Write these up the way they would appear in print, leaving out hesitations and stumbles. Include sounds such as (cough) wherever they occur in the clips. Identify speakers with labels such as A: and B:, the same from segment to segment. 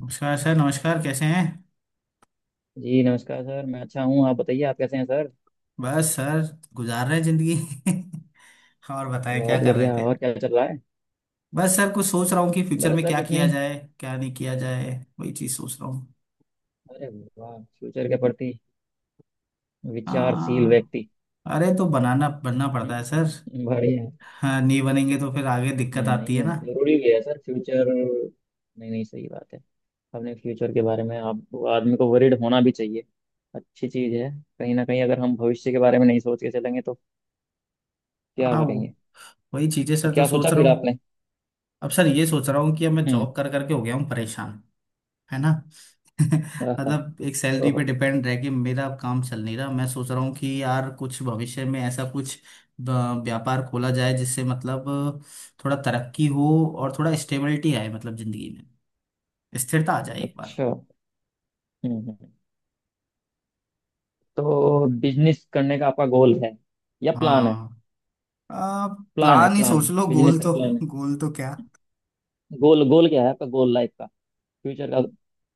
A: नमस्कार सर। नमस्कार। कैसे हैं?
B: जी नमस्कार सर, मैं अच्छा हूँ। आप बताइए, आप कैसे हैं सर?
A: बस सर, गुजार रहे हैं जिंदगी। (laughs) और बताएं क्या
B: बहुत
A: कर रहे
B: बढ़िया।
A: थे?
B: और क्या चल रहा है?
A: बस सर, कुछ सोच रहा हूँ कि फ्यूचर
B: बस
A: में
B: सर
A: क्या
B: कुछ
A: किया
B: नहीं।
A: जाए, क्या नहीं किया जाए। वही चीज सोच रहा हूँ।
B: अरे वाह, फ्यूचर के प्रति विचारशील
A: हाँ।
B: व्यक्ति।
A: अरे तो बनाना बनना पड़ता है सर।
B: बढ़िया है।
A: हाँ नहीं बनेंगे तो फिर आगे दिक्कत
B: नहीं
A: आती
B: नहीं,
A: है ना।
B: जरूरी भी है सर फ्यूचर। नहीं नहीं, सही बात है। अपने फ्यूचर के बारे में आप आदमी को वरीड होना भी चाहिए, अच्छी चीज़ है। कहीं ना कहीं अगर हम भविष्य के बारे में नहीं सोच के चलेंगे तो क्या
A: हाँ
B: करेंगे?
A: वही चीजें
B: तो
A: सर तो
B: क्या सोचा
A: सोच रहा
B: फिर
A: हूँ।
B: आपने?
A: अब सर ये सोच रहा हूँ कि अब मैं
B: हम्म।
A: जॉब कर करके हो गया हूँ परेशान। है ना। (laughs)
B: आहा,
A: मतलब एक सैलरी
B: ओहो।
A: पे डिपेंड रह के मेरा काम चल नहीं रहा। मैं सोच रहा हूँ कि यार कुछ भविष्य में ऐसा कुछ व्यापार खोला जाए जिससे मतलब थोड़ा तरक्की हो और थोड़ा स्टेबिलिटी आए मतलब जिंदगी में स्थिरता आ जाए एक बार।
B: अच्छा। हम्म। तो बिजनेस करने का आपका गोल है या प्लान है?
A: हाँ। आ,
B: प्लान है,
A: प्लान ही
B: प्लान,
A: सोच
B: हाँ,
A: लो।
B: बिजनेस
A: गोल
B: का
A: तो
B: प्लान है।
A: गोल तो क्या?
B: गोल, गोल क्या है आपका, गोल लाइफ का, फ्यूचर का,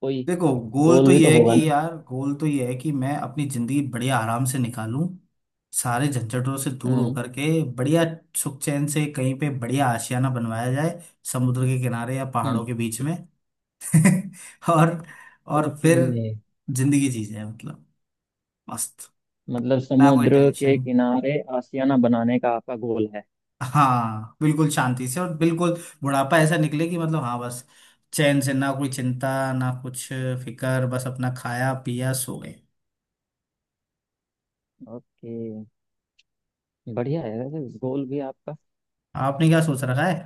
B: कोई
A: देखो गोल तो
B: गोल भी तो
A: ये है
B: होगा
A: कि
B: ना?
A: यार, गोल तो ये है कि मैं अपनी जिंदगी बढ़िया आराम से निकालूं, सारे झंझटों से दूर
B: हम्म
A: होकर के। बढ़िया सुख चैन से कहीं पे बढ़िया आशियाना बनवाया जाए, समुद्र के किनारे या पहाड़ों
B: हम्म।
A: के बीच में। (laughs) और और
B: ओके।
A: फिर जिंदगी जी जाए मतलब मस्त,
B: मतलब
A: ना कोई
B: समुद्र के
A: टेंशन।
B: किनारे आशियाना बनाने का आपका गोल है।
A: हाँ बिल्कुल शांति से और बिल्कुल बुढ़ापा ऐसा निकले कि मतलब हाँ बस, चैन से, ना कोई चिंता, ना कुछ फिक्र, बस अपना खाया पिया सो गए।
B: ओके, बढ़िया है वैसे गोल भी आपका।
A: आपने क्या सोच रखा है?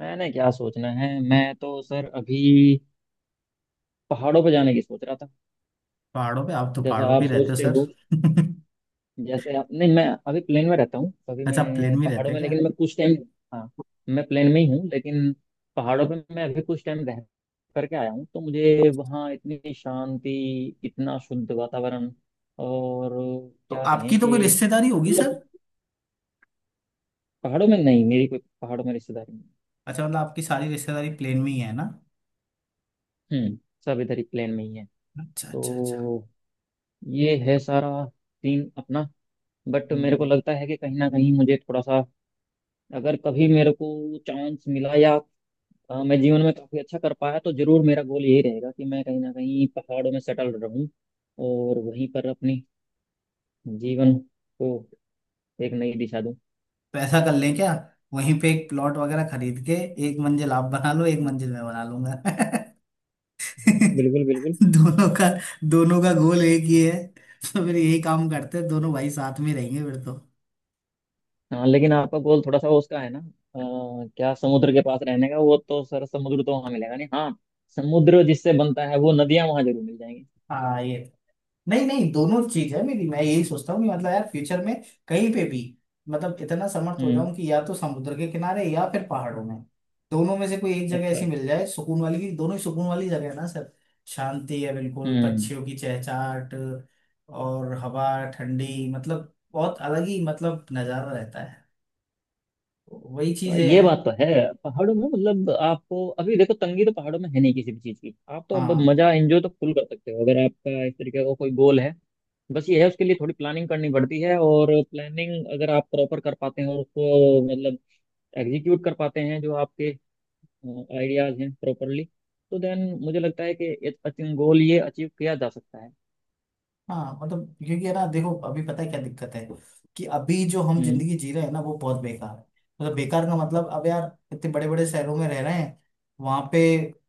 B: मैंने क्या सोचना है, मैं तो सर अभी पहाड़ों पर जाने की सोच रहा था।
A: पहाड़ों पे, आप तो
B: जैसा
A: पहाड़ों पे
B: आप
A: ही रहते हो
B: सोचते हो,
A: सर। (laughs)
B: जैसे आप। नहीं, मैं अभी प्लेन में रहता हूँ, अभी
A: अच्छा, आप
B: मैं
A: प्लेन में रहते
B: पहाड़ों
A: हैं
B: में,
A: क्या?
B: लेकिन मैं कुछ टाइम। हाँ, मैं प्लेन में ही हूँ, लेकिन पहाड़ों पे मैं अभी कुछ टाइम रह करके आया हूँ, तो मुझे वहाँ इतनी शांति, इतना शुद्ध वातावरण, और
A: तो
B: क्या कहें
A: आपकी तो कोई
B: कि
A: रिश्तेदारी होगी
B: मतलब।
A: सर।
B: पहाड़ों में नहीं, मेरी कोई पहाड़ों में रिश्तेदारी नहीं।
A: अच्छा, मतलब आपकी सारी रिश्तेदारी प्लेन में ही है ना।
B: हम्म। सब इधर ही प्लेन में ही है।
A: अच्छा अच्छा अच्छा।
B: तो ये है सारा सीन अपना। बट मेरे को
A: हम्म।
B: लगता है कि कहीं ना कहीं मुझे थोड़ा सा, अगर कभी मेरे को चांस मिला या मैं जीवन में काफ़ी अच्छा कर पाया, तो जरूर मेरा गोल यही रहेगा कि मैं कहीं ना कहीं पहाड़ों में सेटल रहूं और वहीं पर अपनी जीवन को एक नई दिशा दूं।
A: तो ऐसा कर लें क्या, वहीं पे एक प्लॉट वगैरह खरीद के एक मंजिल आप बना लो, एक मंजिल मैं बना लूंगा। (laughs)
B: हाँ बिल्कुल बिल्कुल।
A: दोनों का दोनों का गोल एक ही है। (laughs) तो फिर यही काम करते हैं, दोनों भाई साथ में रहेंगे फिर तो।
B: हाँ लेकिन आपका गोल थोड़ा सा वो उसका है ना, क्या समुद्र के पास रहने का, वो तो सर समुद्र तो वहां मिलेगा नहीं। हाँ, समुद्र जिससे बनता है वो नदियां वहां जरूर मिल जाएंगी।
A: हाँ ये, नहीं नहीं दोनों चीज है मेरी। मैं यही सोचता हूँ कि मतलब यार फ्यूचर में कहीं पे भी, मतलब इतना समर्थ हो
B: हम्म।
A: जाऊं कि या तो समुद्र के किनारे या फिर पहाड़ों में, दोनों में से कोई एक जगह
B: अच्छा।
A: ऐसी मिल जाए सुकून वाली। की दोनों ही सुकून वाली जगह है ना सर, शांति है बिल्कुल,
B: हम्म।
A: पक्षियों की चहचहाट और हवा ठंडी, मतलब बहुत अलग ही मतलब नजारा रहता है। वही
B: हाँ,
A: चीजें
B: ये
A: हैं।
B: बात तो है। पहाड़ों में मतलब आपको अभी देखो, तंगी तो पहाड़ों में है नहीं किसी भी चीज की, आप तो अब
A: हाँ
B: मजा एंजॉय तो फुल कर सकते हो अगर आपका इस तरीके का कोई गोल है। बस ये है, उसके लिए थोड़ी प्लानिंग करनी पड़ती है, और प्लानिंग अगर आप प्रॉपर कर पाते हैं और उसको मतलब एग्जीक्यूट कर पाते हैं, जो आपके आइडियाज हैं प्रॉपरली, तो देन मुझे लगता है कि ये गोल, ये अचीव किया जा सकता है।
A: हाँ मतलब, क्योंकि है ना देखो अभी, पता है क्या दिक्कत है कि अभी जो हम
B: हम्म
A: जिंदगी जी रहे हैं ना वो बहुत बेकार है। मतलब बेकार का मतलब अब यार, इतने बड़े बड़े शहरों में रह रहे हैं, वहां पे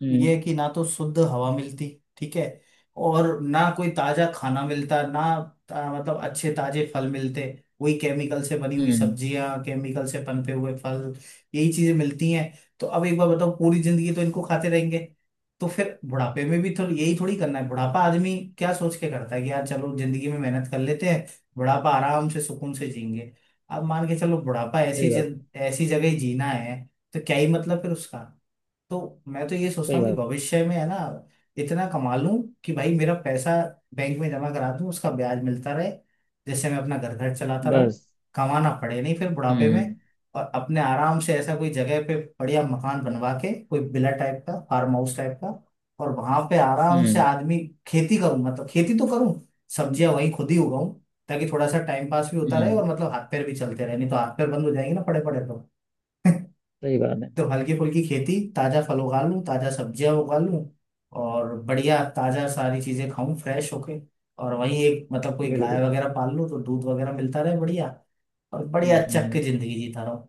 B: हम्म
A: ये है कि ना तो शुद्ध हवा मिलती, ठीक है, और ना कोई ताजा खाना मिलता ना मतलब अच्छे ताजे फल मिलते। वही केमिकल से बनी हुई
B: हम्म।
A: सब्जियां, केमिकल से पनपे हुए फल, यही चीजें मिलती हैं। तो अब एक बार बताओ, पूरी जिंदगी तो इनको खाते रहेंगे, तो फिर बुढ़ापे में भी तो यही थोड़ी करना है। बुढ़ापा आदमी क्या सोच के करता है कि यार चलो जिंदगी में मेहनत कर लेते हैं, बुढ़ापा आराम से सुकून से जिएंगे। अब मान के चलो बुढ़ापा
B: सही बात है।
A: ऐसी जगह ही जीना है तो क्या ही मतलब फिर उसका। तो मैं तो ये सोचता
B: सही
A: हूँ कि
B: बात
A: भविष्य में है ना, इतना कमा लूं कि भाई मेरा पैसा बैंक में जमा करा दूं, उसका ब्याज मिलता रहे, जिससे मैं अपना घर घर चलाता
B: है।
A: रहूं,
B: बस।
A: कमाना पड़े नहीं फिर
B: हम्म
A: बुढ़ापे में।
B: हम्म
A: और अपने आराम से ऐसा कोई जगह पे बढ़िया मकान बनवा के कोई विला टाइप का, फार्म हाउस टाइप का, और वहां पे आराम से
B: हम्म।
A: आदमी खेती करूं, मतलब खेती तो करूं, सब्जियां वहीं खुद ही उगाऊं, ताकि थोड़ा सा टाइम पास भी होता रहे और
B: हम्म,
A: मतलब हाथ पैर भी चलते रहे, नहीं तो हाथ पैर बंद हो जाएंगे ना पड़े पड़े तो। (laughs)
B: सही बात है
A: तो हल्की फुल्की खेती, ताजा फल उगा लूं, ताजा सब्जियां उगा लूं, और बढ़िया ताजा सारी चीजें खाऊं फ्रेश होके, और वहीं एक मतलब कोई गाय
B: बिल्कुल।
A: वगैरह पाल लूं तो दूध वगैरह मिलता रहे बढ़िया, और
B: हम्म
A: बढ़िया
B: हम्म
A: चक के
B: हम्म।
A: जिंदगी जीता रहूं।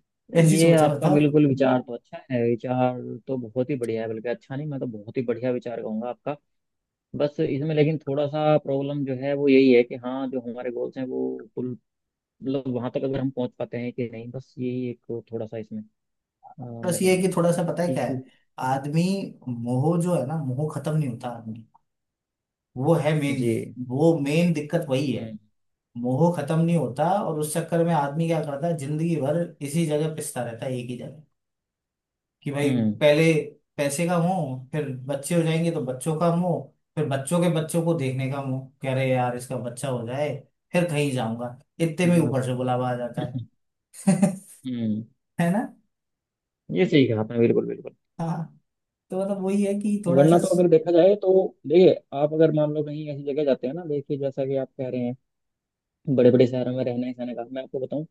A: (laughs) कैसी
B: ये
A: सोचा
B: आपका
A: बताओ।
B: बिल्कुल विचार तो अच्छा है, विचार तो बहुत ही बढ़िया है, बल्कि अच्छा नहीं, मैं तो बहुत ही बढ़िया विचार कहूंगा आपका। बस इसमें लेकिन थोड़ा सा प्रॉब्लम जो है वो यही है कि हाँ, जो हमारे गोल्स हैं वो फुल, मतलब वहां तक अगर हम पहुंच पाते हैं कि नहीं, बस यही एक थोड़ा सा इसमें
A: बस
B: मैं
A: ये है
B: कहूँगा
A: कि थोड़ा सा पता है क्या
B: इशू।
A: है, आदमी मोह जो है ना, मोह खत्म नहीं होता आदमी। वो है मेन।
B: जी।
A: वो मेन दिक्कत वही है।
B: हम्म
A: मोह खत्म नहीं होता, और उस चक्कर में आदमी क्या करता है जिंदगी भर इसी जगह पिसता रहता है एक ही जगह। कि भाई
B: हम्म।
A: पहले पैसे का मोह, फिर बच्चे हो जाएंगे तो बच्चों का मोह, फिर बच्चों के बच्चों को देखने का मोह, कह रहे यार इसका बच्चा हो जाए फिर कहीं जाऊंगा, इतने में ऊपर
B: बस।
A: से बुलावा आ जाता है।
B: (laughs)
A: (laughs)
B: हम्म।
A: है ना।
B: ये सही कहा आपने, बिल्कुल बिल्कुल।
A: हाँ तो मतलब वही है कि थोड़ा
B: वरना
A: सा।
B: तो अगर देखा जाए तो, देखिए आप अगर मान लो कहीं ऐसी जगह जाते हैं ना, देखिए जैसा कि आप कह रहे हैं, बड़े बड़े शहरों में रहने सहने का, मैं आपको बताऊं,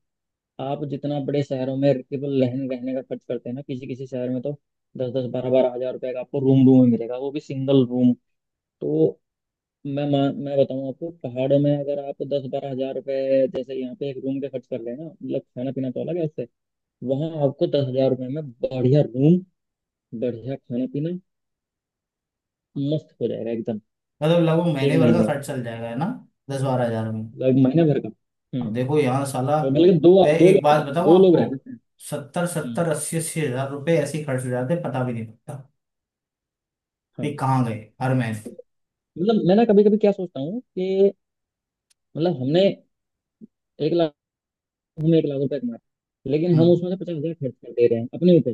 B: आप जितना बड़े शहरों में केवल रहने रहने का खर्च करते हैं ना, किसी किसी शहर में तो दस दस बारह बारह हज़ार रुपए का आपको रूम, रूम में मिलेगा, वो भी सिंगल रूम। तो मैं बताऊं आपको, पहाड़ों में अगर आप दस बारह हज़ार रुपए, जैसे यहाँ पे एक रूम पे खर्च कर लेना, मतलब खाना पीना तो अलग है उससे, वहां आपको दस हज़ार रुपए में बढ़िया रूम, बढ़िया खाना पीना, मस्त हो जाएगा एकदम।
A: मतलब लगभग महीने
B: एक
A: भर का
B: महीने
A: खर्च
B: का,
A: चल जाएगा है ना, दस बारह हजार में।
B: मतलब महीने भर का।
A: अब
B: हम्म।
A: देखो यहाँ साला,
B: और बल्कि दो,
A: मैं
B: दो
A: एक
B: लोग का,
A: बात बताऊँ
B: दो लोग
A: आपको,
B: रह सकते हैं।
A: सत्तर
B: हम्म।
A: सत्तर अस्सी अस्सी हजार रुपये ऐसे ही खर्च हो जाते हैं, पता भी नहीं लगता कि
B: हाँ।
A: कहाँ गए हर महीने।
B: मतलब मैं ना कभी कभी क्या सोचता हूँ कि मतलब हमने 1 लाख, हम 1 लाख रुपए कमा रहे हैं, लेकिन हम
A: हम्म,
B: उसमें से 50 हज़ार खर्च कर दे रहे हैं अपने ऊपर,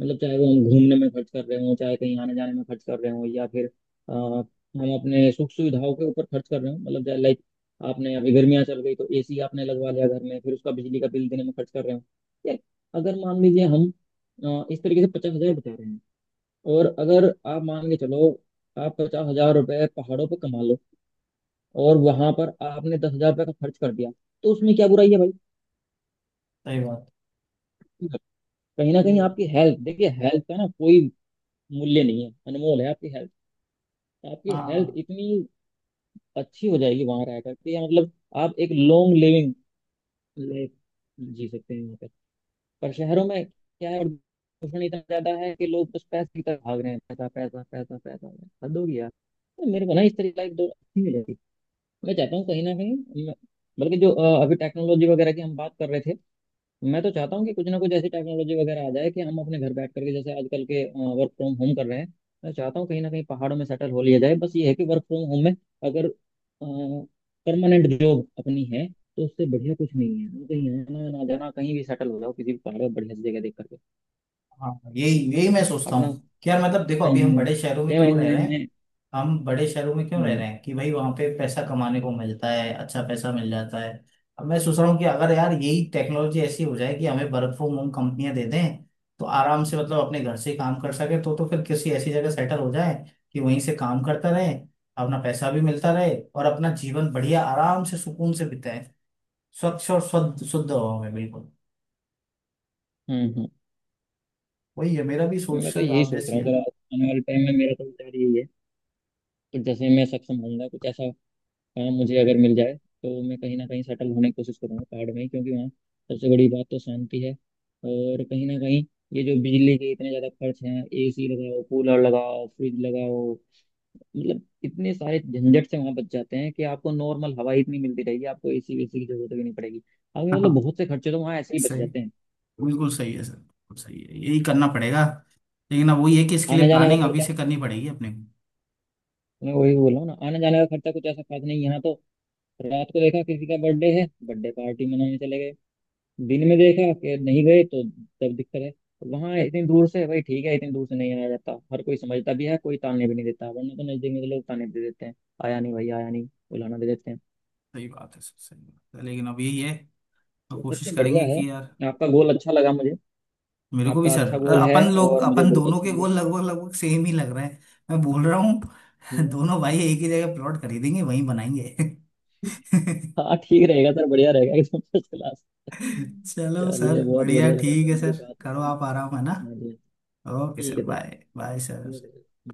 B: मतलब चाहे वो हम घूमने में खर्च कर रहे हो, चाहे कहीं आने जाने में खर्च कर रहे हो, या फिर हम अपने सुख सुविधाओं के ऊपर खर्च कर रहे हो, मतलब लाइक, आपने अभी गर्मियां चल गई तो एसी आपने लगवा लिया घर में, फिर उसका बिजली का बिल देने में खर्च कर रहे हो। यार, अगर मान लीजिए हम इस तरीके से 50 हज़ार बचा रहे हैं, और अगर आप मान के चलो आप 50 हज़ार रुपए पहाड़ों पर कमा लो और वहां पर आपने 10 हज़ार रुपये का खर्च कर दिया, तो उसमें क्या बुराई है भाई?
A: सही बात
B: कहीं ना कहीं
A: ये।
B: आपकी हेल्थ, देखिए हेल्थ का ना कोई मूल्य नहीं है, अनमोल है आपकी हेल्थ। आपकी हेल्थ
A: हाँ
B: इतनी अच्छी हो जाएगी वहां रह करके, या मतलब आप एक लॉन्ग लिविंग लाइफ जी सकते हैं वहाँ पे। पर शहरों में क्या है, प्रदूषण इतना ज्यादा है कि लोग बस पैसे की तरफ भाग रहे हैं, पैसा पैसा पैसा पैसा, हद हो गई यार। तो मेरे को ना इस तरह की लाइफ दो अच्छी मिलेगी। मैं चाहता हूँ कहीं ना कहीं बल्कि जो अभी टेक्नोलॉजी वगैरह की हम बात कर रहे थे, मैं तो चाहता हूँ कि कुछ ना कुछ ऐसी टेक्नोलॉजी वगैरह आ जाए कि हम अपने घर बैठ करके, जैसे आजकल के वर्क फ्रॉम होम कर रहे हैं, मैं चाहता हूँ कहीं ना कहीं पहाड़ों में सेटल हो लिया जाए। बस ये है कि वर्क फ्रॉम होम में अगर परमानेंट जॉब अपनी है, तो उससे बढ़िया कुछ नहीं है, हम कहीं आना ना जाना, कहीं भी सेटल हो जाओ किसी भी पहाड़ पर बढ़िया सी जगह देख करके
A: हाँ, यही यही मैं सोचता
B: अपना।
A: हूँ कि यार मतलब देखो,
B: छह
A: अभी हम
B: महीने
A: बड़े शहरों में
B: छह
A: क्यों रह
B: महीने
A: रहे हैं,
B: में।
A: हम बड़े शहरों में क्यों रह
B: हम्म
A: रहे हैं कि भाई वहां पे पैसा कमाने को मिलता है, अच्छा पैसा मिल जाता है। अब मैं सोच रहा हूँ कि अगर यार यही टेक्नोलॉजी ऐसी हो जाए कि हमें वर्क फ्रॉम होम कंपनियां दे दें, तो आराम से मतलब अपने घर से ही काम कर सके, तो फिर किसी ऐसी जगह सेटल हो जाए कि वहीं से काम करता रहे, अपना पैसा भी मिलता रहे और अपना जीवन बढ़िया आराम से सुकून से बिताए, स्वच्छ और शुद्ध शुद्ध हवा में बिल्कुल।
B: हम्म।
A: वही है मेरा भी सोच
B: मैं तो
A: सर
B: यही
A: आप
B: सोच
A: जैसी
B: रहा हूँ
A: है।
B: सर आने वाले टाइम में, मेरा तो विचार यही है कि जैसे मैं सक्षम होऊंगा, कुछ ऐसा काम मुझे अगर मिल जाए, तो मैं कहीं ना कहीं सेटल होने की कोशिश करूंगा पहाड़ में ही, क्योंकि वहाँ सबसे बड़ी बात तो शांति है, और कहीं ना कहीं ये जो बिजली के इतने ज़्यादा खर्च हैं, एसी लगाओ कूलर लगाओ फ्रिज लगाओ, मतलब इतने सारे झंझट से वहाँ बच जाते हैं कि आपको नॉर्मल हवा ही इतनी मिलती रहेगी, आपको एसी वेसी की जरूरत भी नहीं पड़ेगी, आपके मतलब
A: हाँ
B: बहुत से खर्चे तो वहाँ ऐसे ही बच
A: सही,
B: जाते हैं।
A: बिल्कुल सही है सर, बिल्कुल सही है, यही करना पड़ेगा। लेकिन अब वही है कि इसके
B: आने
A: लिए
B: जाने का
A: प्लानिंग अभी
B: खर्चा,
A: से करनी पड़ेगी अपने को।
B: मैं वही बोल रहा हूँ ना, आने जाने का खर्चा कुछ ऐसा खास नहीं यहाँ तो, रात को देखा किसी का बर्थडे है, बर्थडे पार्टी मनाने चले गए, दिन में देखा कि नहीं गए तो तब दिक्कत है। वहां इतनी दूर से भाई, ठीक है इतनी दूर से नहीं आया जाता, हर कोई समझता भी है, कोई ताने भी नहीं देता, वरना तो नजदीक में तो लोग ताने भी दे देते हैं, आया नहीं भाई आया नहीं, बुलाना दे देते हैं।
A: सही बात है सर, सही बात है, लेकिन अब यही है, अब
B: तो
A: कोशिश
B: सबसे बढ़िया
A: करेंगे
B: है,
A: कि यार।
B: आपका गोल अच्छा लगा मुझे,
A: मेरे को भी
B: आपका
A: सर,
B: अच्छा गोल है,
A: अपन लोग
B: और मुझे
A: अपन
B: बहुत
A: दोनों
B: अच्छा
A: के
B: लगा।
A: गोल लगभग लगभग सेम ही लग रहे हैं, मैं बोल रहा हूँ। (laughs)
B: हम्म।
A: दोनों भाई एक ही जगह प्लॉट खरीदेंगे, वहीं बनाएंगे। (laughs)
B: हाँ ठीक रहेगा सर, बढ़िया रहेगा एकदम फर्स्ट क्लास।
A: चलो
B: चलिए
A: सर,
B: बहुत
A: बढ़िया।
B: बढ़िया लगा
A: ठीक
B: सर
A: है
B: मुझे
A: सर,
B: बात
A: करो
B: करके।
A: आप आराम, है ना।
B: हाँ जी।
A: ओके
B: ठीक
A: सर।
B: है sir.
A: Bye bye sir.
B: Okay sir.